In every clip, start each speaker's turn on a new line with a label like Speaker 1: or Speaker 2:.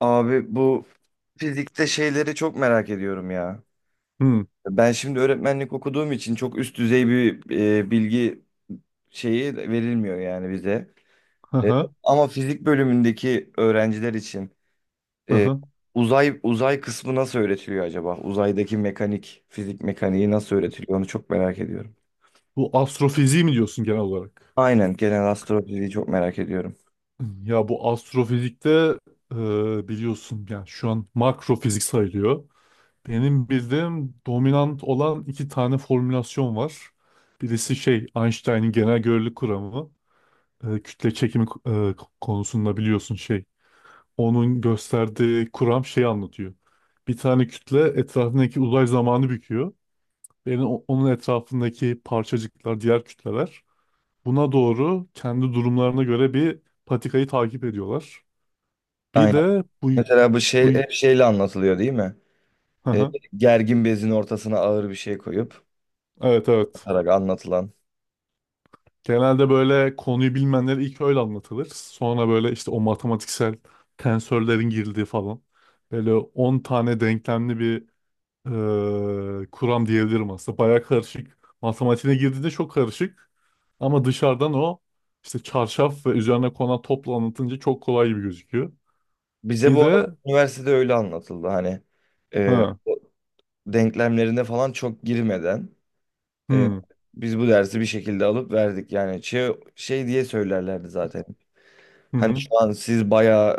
Speaker 1: Abi bu fizikte şeyleri çok merak ediyorum ya.
Speaker 2: Hı,
Speaker 1: Ben şimdi öğretmenlik okuduğum için çok üst düzey bir bilgi şeyi verilmiyor yani bize.
Speaker 2: hı
Speaker 1: E,
Speaker 2: hı,
Speaker 1: Ama fizik bölümündeki öğrenciler için
Speaker 2: hı
Speaker 1: e,
Speaker 2: hı.
Speaker 1: uzay kısmı nasıl öğretiliyor acaba? Uzaydaki mekanik, fizik mekaniği nasıl öğretiliyor? Onu çok merak ediyorum.
Speaker 2: Bu astrofiziği mi diyorsun genel olarak?
Speaker 1: Aynen, genel astrofiziği çok merak ediyorum.
Speaker 2: Ya bu astrofizikte biliyorsun yani şu an makrofizik sayılıyor. Benim bildiğim dominant olan iki tane formülasyon var. Birisi şey Einstein'in genel görelilik kuramı. Kütle çekimi konusunda biliyorsun şey. Onun gösterdiği kuram şey anlatıyor. Bir tane kütle etrafındaki uzay zamanı büküyor. Benim onun etrafındaki parçacıklar, diğer kütleler buna doğru kendi durumlarına göre bir patikayı takip ediyorlar. Bir
Speaker 1: Aynen.
Speaker 2: de buy
Speaker 1: Mesela bu şey
Speaker 2: buy.
Speaker 1: hep şeyle anlatılıyor değil mi? E,
Speaker 2: Haha.
Speaker 1: Gergin bezin ortasına ağır bir şey koyup
Speaker 2: Evet evet.
Speaker 1: atarak anlatılan.
Speaker 2: Genelde böyle konuyu bilmeyenlere ilk öyle anlatılır. Sonra böyle işte o matematiksel tensörlerin girdiği falan. Böyle 10 tane denklemli bir kuram diyebilirim aslında. Baya karışık. Matematiğine girdiğinde çok karışık. Ama dışarıdan o işte çarşaf ve üzerine konan topla anlatınca çok kolay gibi gözüküyor.
Speaker 1: Bize
Speaker 2: Bir
Speaker 1: bu arada
Speaker 2: de
Speaker 1: üniversitede öyle anlatıldı, hani
Speaker 2: ha,
Speaker 1: o denklemlerine falan çok girmeden, e,
Speaker 2: hmm,
Speaker 1: biz bu dersi bir şekilde alıp verdik, yani şey diye söylerlerdi zaten.
Speaker 2: hı
Speaker 1: Hani
Speaker 2: hı.
Speaker 1: şu an siz bayağı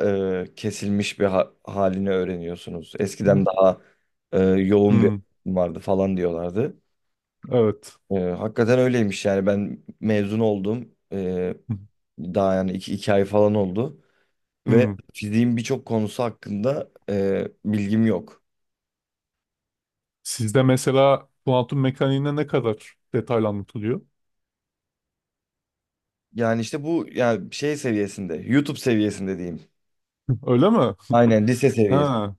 Speaker 1: kesilmiş bir halini öğreniyorsunuz. Eskiden daha yoğun bir
Speaker 2: Hmm,
Speaker 1: öğretim vardı falan diyorlardı.
Speaker 2: evet.
Speaker 1: Hakikaten öyleymiş yani. Ben mezun oldum, daha yani iki ay falan oldu. Ve
Speaker 2: Hmm.
Speaker 1: fiziğin birçok konusu hakkında bilgim yok.
Speaker 2: Sizde mesela kuantum mekaniğine ne kadar detaylı anlatılıyor?
Speaker 1: Yani işte bu yani şey seviyesinde, YouTube seviyesinde diyeyim.
Speaker 2: Öyle mi?
Speaker 1: Aynen, lise seviyesi.
Speaker 2: Ha.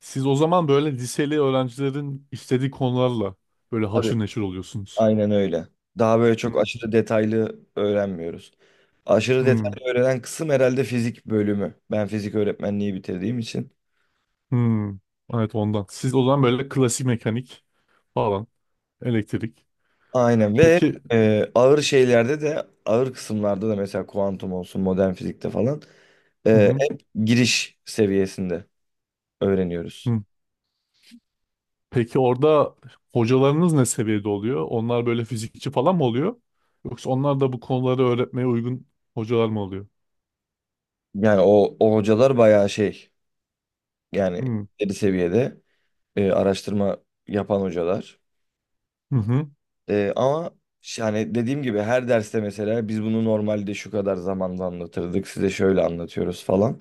Speaker 2: Siz o zaman böyle liseli öğrencilerin istediği konularla böyle
Speaker 1: Tabii.
Speaker 2: haşır neşir oluyorsunuz.
Speaker 1: Aynen öyle. Daha böyle çok
Speaker 2: Hmm,
Speaker 1: aşırı detaylı öğrenmiyoruz. Aşırı
Speaker 2: hmm,
Speaker 1: detaylı öğrenen kısım herhalde fizik bölümü, ben fizik öğretmenliği bitirdiğim için.
Speaker 2: hmm. Evet ondan. Siz o zaman böyle klasik mekanik falan, elektrik.
Speaker 1: Aynen. Ve
Speaker 2: Peki,
Speaker 1: ağır şeylerde de, ağır kısımlarda da, mesela kuantum olsun, modern fizikte falan
Speaker 2: hı hı,
Speaker 1: hep giriş seviyesinde öğreniyoruz.
Speaker 2: hı. Peki orada hocalarınız ne seviyede oluyor? Onlar böyle fizikçi falan mı oluyor? Yoksa onlar da bu konuları öğretmeye uygun hocalar mı oluyor?
Speaker 1: Yani o hocalar bayağı şey. Yani
Speaker 2: Hmm.
Speaker 1: ileri seviyede araştırma yapan hocalar.
Speaker 2: Hı hı.
Speaker 1: Ama yani dediğim gibi, her derste mesela biz bunu normalde şu kadar zamanda anlatırdık, size şöyle anlatıyoruz falan.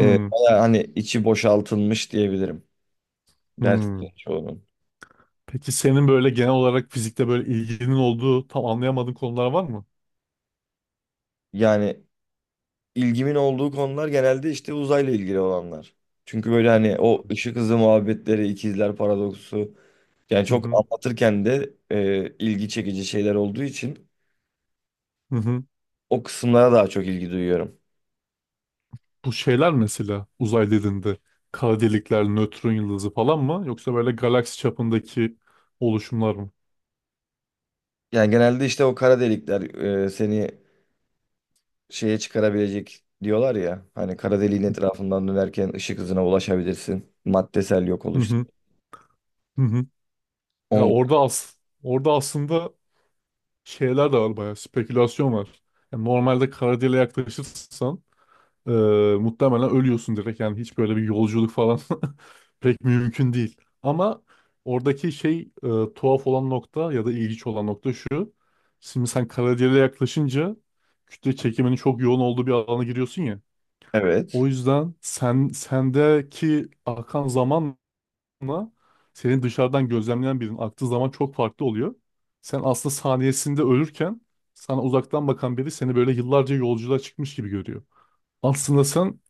Speaker 1: Bayağı hani içi boşaltılmış diyebilirim
Speaker 2: hı.
Speaker 1: derslerin çoğunun.
Speaker 2: Peki senin böyle genel olarak fizikte böyle ilginin olduğu tam anlayamadığın konular var mı?
Speaker 1: Yani ilgimin olduğu konular genelde işte uzayla ilgili olanlar. Çünkü böyle hani o ışık hızı muhabbetleri, ikizler paradoksu, yani
Speaker 2: Hı
Speaker 1: çok
Speaker 2: hı.
Speaker 1: anlatırken de ilgi çekici şeyler olduğu için
Speaker 2: Hı hı.
Speaker 1: o kısımlara daha çok ilgi duyuyorum.
Speaker 2: Bu şeyler mesela uzay dediğinde kara delikler, nötron yıldızı falan mı yoksa böyle galaksi çapındaki oluşumlar mı?
Speaker 1: Yani genelde işte o kara delikler seni şeye çıkarabilecek diyorlar ya. Hani kara deliğin etrafından dönerken ışık hızına ulaşabilirsin. Maddesel yok
Speaker 2: Hı
Speaker 1: oluş.
Speaker 2: hı. Hı hı. Ya
Speaker 1: On,
Speaker 2: orada aslında şeyler de var, bayağı spekülasyon var. Yani normalde kara deliğe yaklaşırsan Ee, muhtemelen ölüyorsun direkt, yani hiç böyle bir yolculuk falan pek mümkün değil. Ama oradaki şey tuhaf olan nokta ya da ilginç olan nokta şu. Şimdi sen karadiğere yaklaşınca kütle çekiminin çok yoğun olduğu bir alana giriyorsun ya.
Speaker 1: evet.
Speaker 2: O yüzden sen sendeki akan zamanla senin dışarıdan gözlemleyen birinin aktığı zaman çok farklı oluyor. Sen aslında saniyesinde ölürken sana uzaktan bakan biri seni böyle yıllarca yolculuğa çıkmış gibi görüyor. Aslında sen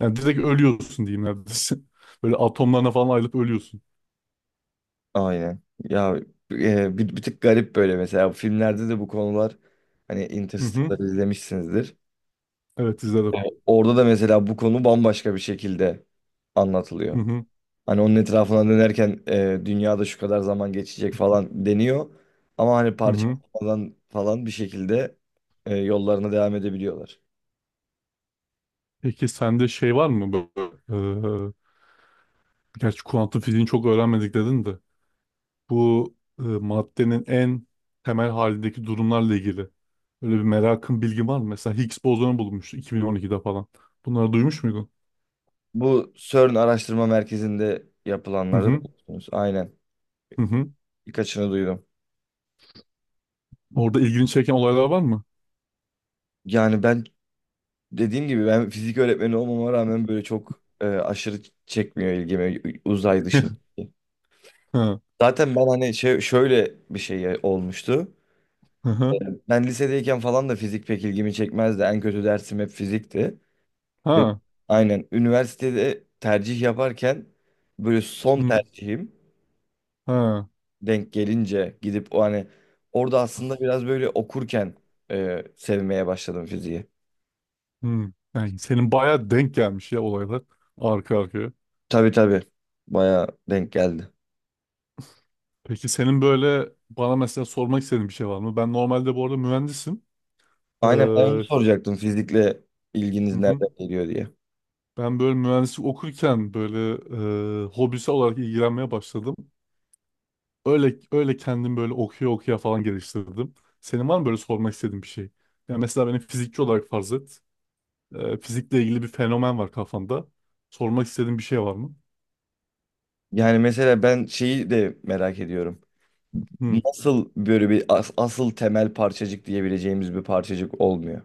Speaker 2: yani direkt ölüyorsun diyeyim neredeyse. Böyle atomlarına falan ayrılıp ölüyorsun.
Speaker 1: Aynen. Ya bir tık garip böyle, mesela filmlerde de bu konular, hani
Speaker 2: Hı hı.
Speaker 1: Interstellar izlemişsinizdir.
Speaker 2: Evet, izledim.
Speaker 1: Orada da mesela bu konu bambaşka bir şekilde
Speaker 2: Hı
Speaker 1: anlatılıyor.
Speaker 2: hı.
Speaker 1: Hani onun etrafına dönerken dünyada şu kadar zaman geçecek falan deniyor. Ama hani
Speaker 2: Hı hı.
Speaker 1: parçalanmadan falan bir şekilde yollarına devam edebiliyorlar.
Speaker 2: Peki sende şey var mı böyle? Gerçi kuantum fiziğini çok öğrenmedik dedin de. Bu maddenin en temel halindeki durumlarla ilgili. Böyle bir merakın, bilgin var mı? Mesela Higgs bozonu bulunmuştu 2012'de falan. Bunları duymuş muydun?
Speaker 1: Bu CERN Araştırma Merkezi'nde
Speaker 2: Hı
Speaker 1: yapılanları
Speaker 2: hı.
Speaker 1: biliyorsunuz. Aynen.
Speaker 2: Hı hı.
Speaker 1: Birkaçını duydum.
Speaker 2: Orada ilgini çeken olaylar var mı?
Speaker 1: Yani ben, dediğim gibi, ben fizik öğretmeni olmama rağmen böyle çok aşırı çekmiyor ilgimi uzay dışında.
Speaker 2: Ha.
Speaker 1: Zaten ben hani şöyle bir şey olmuştu.
Speaker 2: Hı hı.
Speaker 1: Ben lisedeyken falan da fizik pek ilgimi çekmezdi. En kötü dersim hep fizikti. Ü-
Speaker 2: Ha.
Speaker 1: Aynen. Üniversitede tercih yaparken böyle son
Speaker 2: Hı.
Speaker 1: tercihim
Speaker 2: Ha.
Speaker 1: denk gelince gidip o hani, orada aslında biraz böyle okurken sevmeye başladım fiziği.
Speaker 2: Hmm. Yani senin bayağı denk gelmiş ya olaylar arka arkaya.
Speaker 1: Tabii tabii. Bayağı denk geldi.
Speaker 2: Peki senin böyle bana mesela sormak istediğin bir şey var mı? Ben normalde bu arada mühendisim.
Speaker 1: Aynen, ben onu
Speaker 2: Hı
Speaker 1: soracaktım, fizikle ilginiz
Speaker 2: hı.
Speaker 1: nereden geliyor diye.
Speaker 2: Ben böyle mühendislik okurken böyle hobisi olarak ilgilenmeye başladım. Öyle öyle kendim böyle okuya okuya falan geliştirdim. Senin var mı böyle sormak istediğin bir şey? Yani mesela benim fizikçi olarak farz et. Fizikle ilgili bir fenomen var kafanda. Sormak istediğin bir şey var mı?
Speaker 1: Yani mesela ben şeyi de merak ediyorum.
Speaker 2: Hı hı.
Speaker 1: Nasıl böyle bir asıl temel parçacık diyebileceğimiz bir parçacık olmuyor?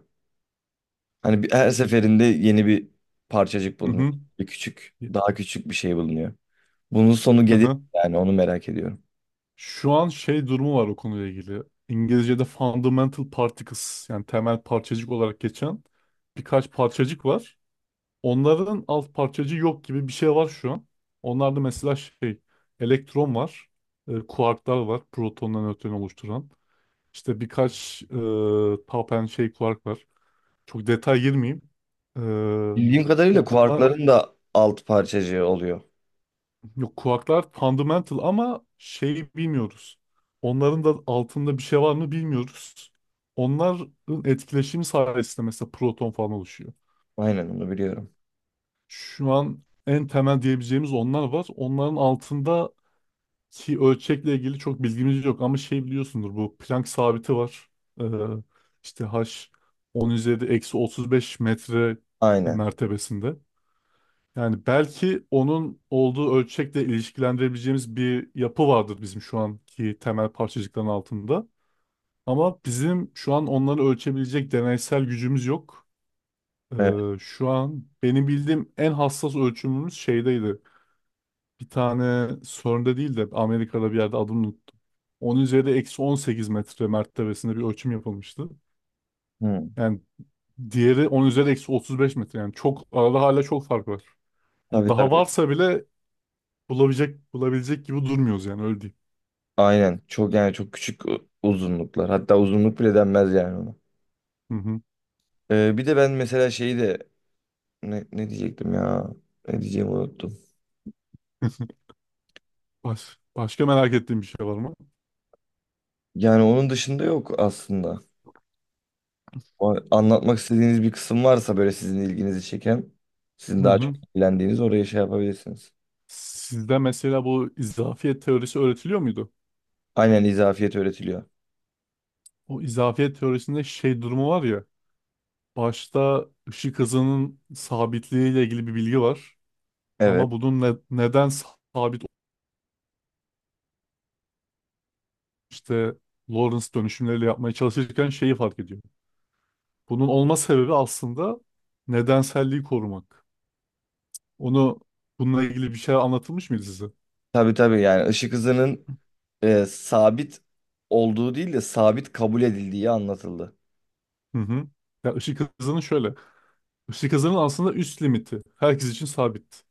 Speaker 1: Hani bir, her seferinde yeni bir parçacık bulunuyor. Bir küçük, daha küçük bir şey bulunuyor. Bunun sonu
Speaker 2: Hı
Speaker 1: gelir mi,
Speaker 2: hı.
Speaker 1: yani onu merak ediyorum.
Speaker 2: Şu an şey durumu var o konuyla ilgili. İngilizce'de fundamental particles yani temel parçacık olarak geçen birkaç parçacık var. Onların alt parçacığı yok gibi bir şey var şu an. Onlarda mesela şey elektron var, kuarklar var, protonla nötronu oluşturan. İşte birkaç tau pençe şey kuark var. Çok detay girmeyeyim. E,
Speaker 1: Bildiğim kadarıyla
Speaker 2: onunla
Speaker 1: kuarkların da alt parçacığı oluyor.
Speaker 2: Yok, kuaklar fundamental ama şey bilmiyoruz. Onların da altında bir şey var mı bilmiyoruz. Onların etkileşimi sayesinde mesela proton falan oluşuyor.
Speaker 1: Aynen, onu biliyorum.
Speaker 2: Şu an en temel diyebileceğimiz onlar var. Onların altındaki ölçekle ilgili çok bilgimiz yok ama şey biliyorsundur, bu Planck sabiti var. Ee, işte H 10 üzeri eksi 35 metre
Speaker 1: Aynen.
Speaker 2: mertebesinde. Yani belki onun olduğu ölçekle ilişkilendirebileceğimiz bir yapı vardır bizim şu anki temel parçacıkların altında. Ama bizim şu an onları ölçebilecek deneysel gücümüz yok.
Speaker 1: Evet.
Speaker 2: Ee, Şu an benim bildiğim en hassas ölçümümüz şeydeydi. Bir tane CERN'de değil de Amerika'da bir yerde, adını unuttum. Onun üzeri eksi 18 metre mertebesinde bir ölçüm yapılmıştı.
Speaker 1: Hı.
Speaker 2: Yani diğeri 10 üzeri eksi 35 metre. Yani çok arada hala çok fark var. Yani
Speaker 1: Tabii
Speaker 2: daha
Speaker 1: tabii.
Speaker 2: varsa bile bulabilecek gibi durmuyoruz, yani öyle diyeyim.
Speaker 1: Aynen. Çok, yani çok küçük uzunluklar. Hatta uzunluk bile denmez yani ona.
Speaker 2: Hı hı.
Speaker 1: Bir de ben mesela şeyi de, ne diyecektim ya? Ne diyeceğimi unuttum.
Speaker 2: Başka merak ettiğim bir şey var mı?
Speaker 1: Yani onun dışında yok aslında. O anlatmak istediğiniz bir kısım varsa, böyle sizin ilginizi çeken, sizin
Speaker 2: Hı
Speaker 1: daha çok
Speaker 2: hı.
Speaker 1: ilgilendiğiniz, oraya şey yapabilirsiniz.
Speaker 2: Sizde mesela bu izafiyet teorisi öğretiliyor muydu?
Speaker 1: Aynen, izafiyet öğretiliyor.
Speaker 2: O izafiyet teorisinde şey durumu var ya. Başta ışık hızının sabitliği ile ilgili bir bilgi var.
Speaker 1: Evet.
Speaker 2: Ama bunun neden sabit işte Lorentz dönüşümleriyle yapmaya çalışırken şeyi fark ediyor. Bunun olma sebebi aslında nedenselliği korumak. Onu, bununla ilgili bir şey anlatılmış mıydı size?
Speaker 1: Tabii tabii, yani ışık hızının sabit olduğu değil de sabit kabul edildiği anlatıldı.
Speaker 2: Hı hı. Ya ışık hızının şöyle. Işık hızının aslında üst limiti herkes için sabit.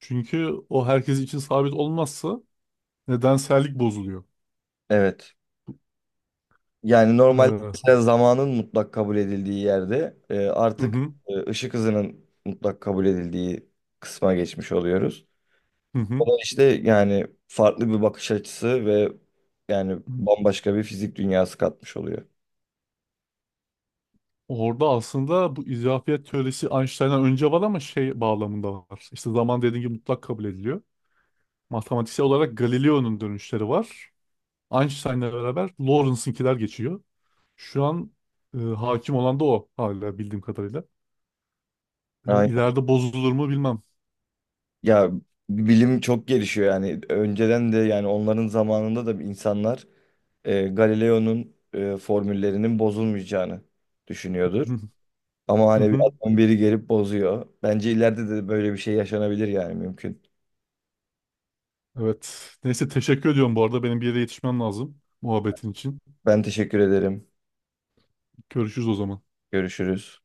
Speaker 2: Çünkü o herkes için sabit olmazsa nedensellik bozuluyor.
Speaker 1: Evet. Yani normal,
Speaker 2: Hı
Speaker 1: mesela zamanın mutlak kabul edildiği yerde artık
Speaker 2: hı,
Speaker 1: ışık hızının mutlak kabul edildiği kısma geçmiş oluyoruz.
Speaker 2: hı
Speaker 1: O
Speaker 2: hı.
Speaker 1: da işte, yani farklı bir bakış açısı ve yani bambaşka bir fizik dünyası katmış oluyor.
Speaker 2: Orada aslında bu izafiyet teorisi Einstein'dan önce var ama şey bağlamında var. İşte zaman dediğim gibi mutlak kabul ediliyor. Matematiksel olarak Galileo'nun dönüşleri var. Einstein'la beraber Lorentz*inkiler geçiyor. Şu an hakim olan da o hala, bildiğim kadarıyla.
Speaker 1: Aynen.
Speaker 2: İleride bozulur mu bilmem.
Speaker 1: Ya bilim çok gelişiyor yani. Önceden de, yani onların zamanında da insanlar Galileo'nun formüllerinin bozulmayacağını düşünüyordur. Ama hani bir adam, biri gelip bozuyor. Bence ileride de böyle bir şey yaşanabilir, yani mümkün.
Speaker 2: Evet. Neyse, teşekkür ediyorum bu arada. Benim bir yere yetişmem lazım, muhabbetin için.
Speaker 1: Ben teşekkür ederim.
Speaker 2: Görüşürüz o zaman.
Speaker 1: Görüşürüz.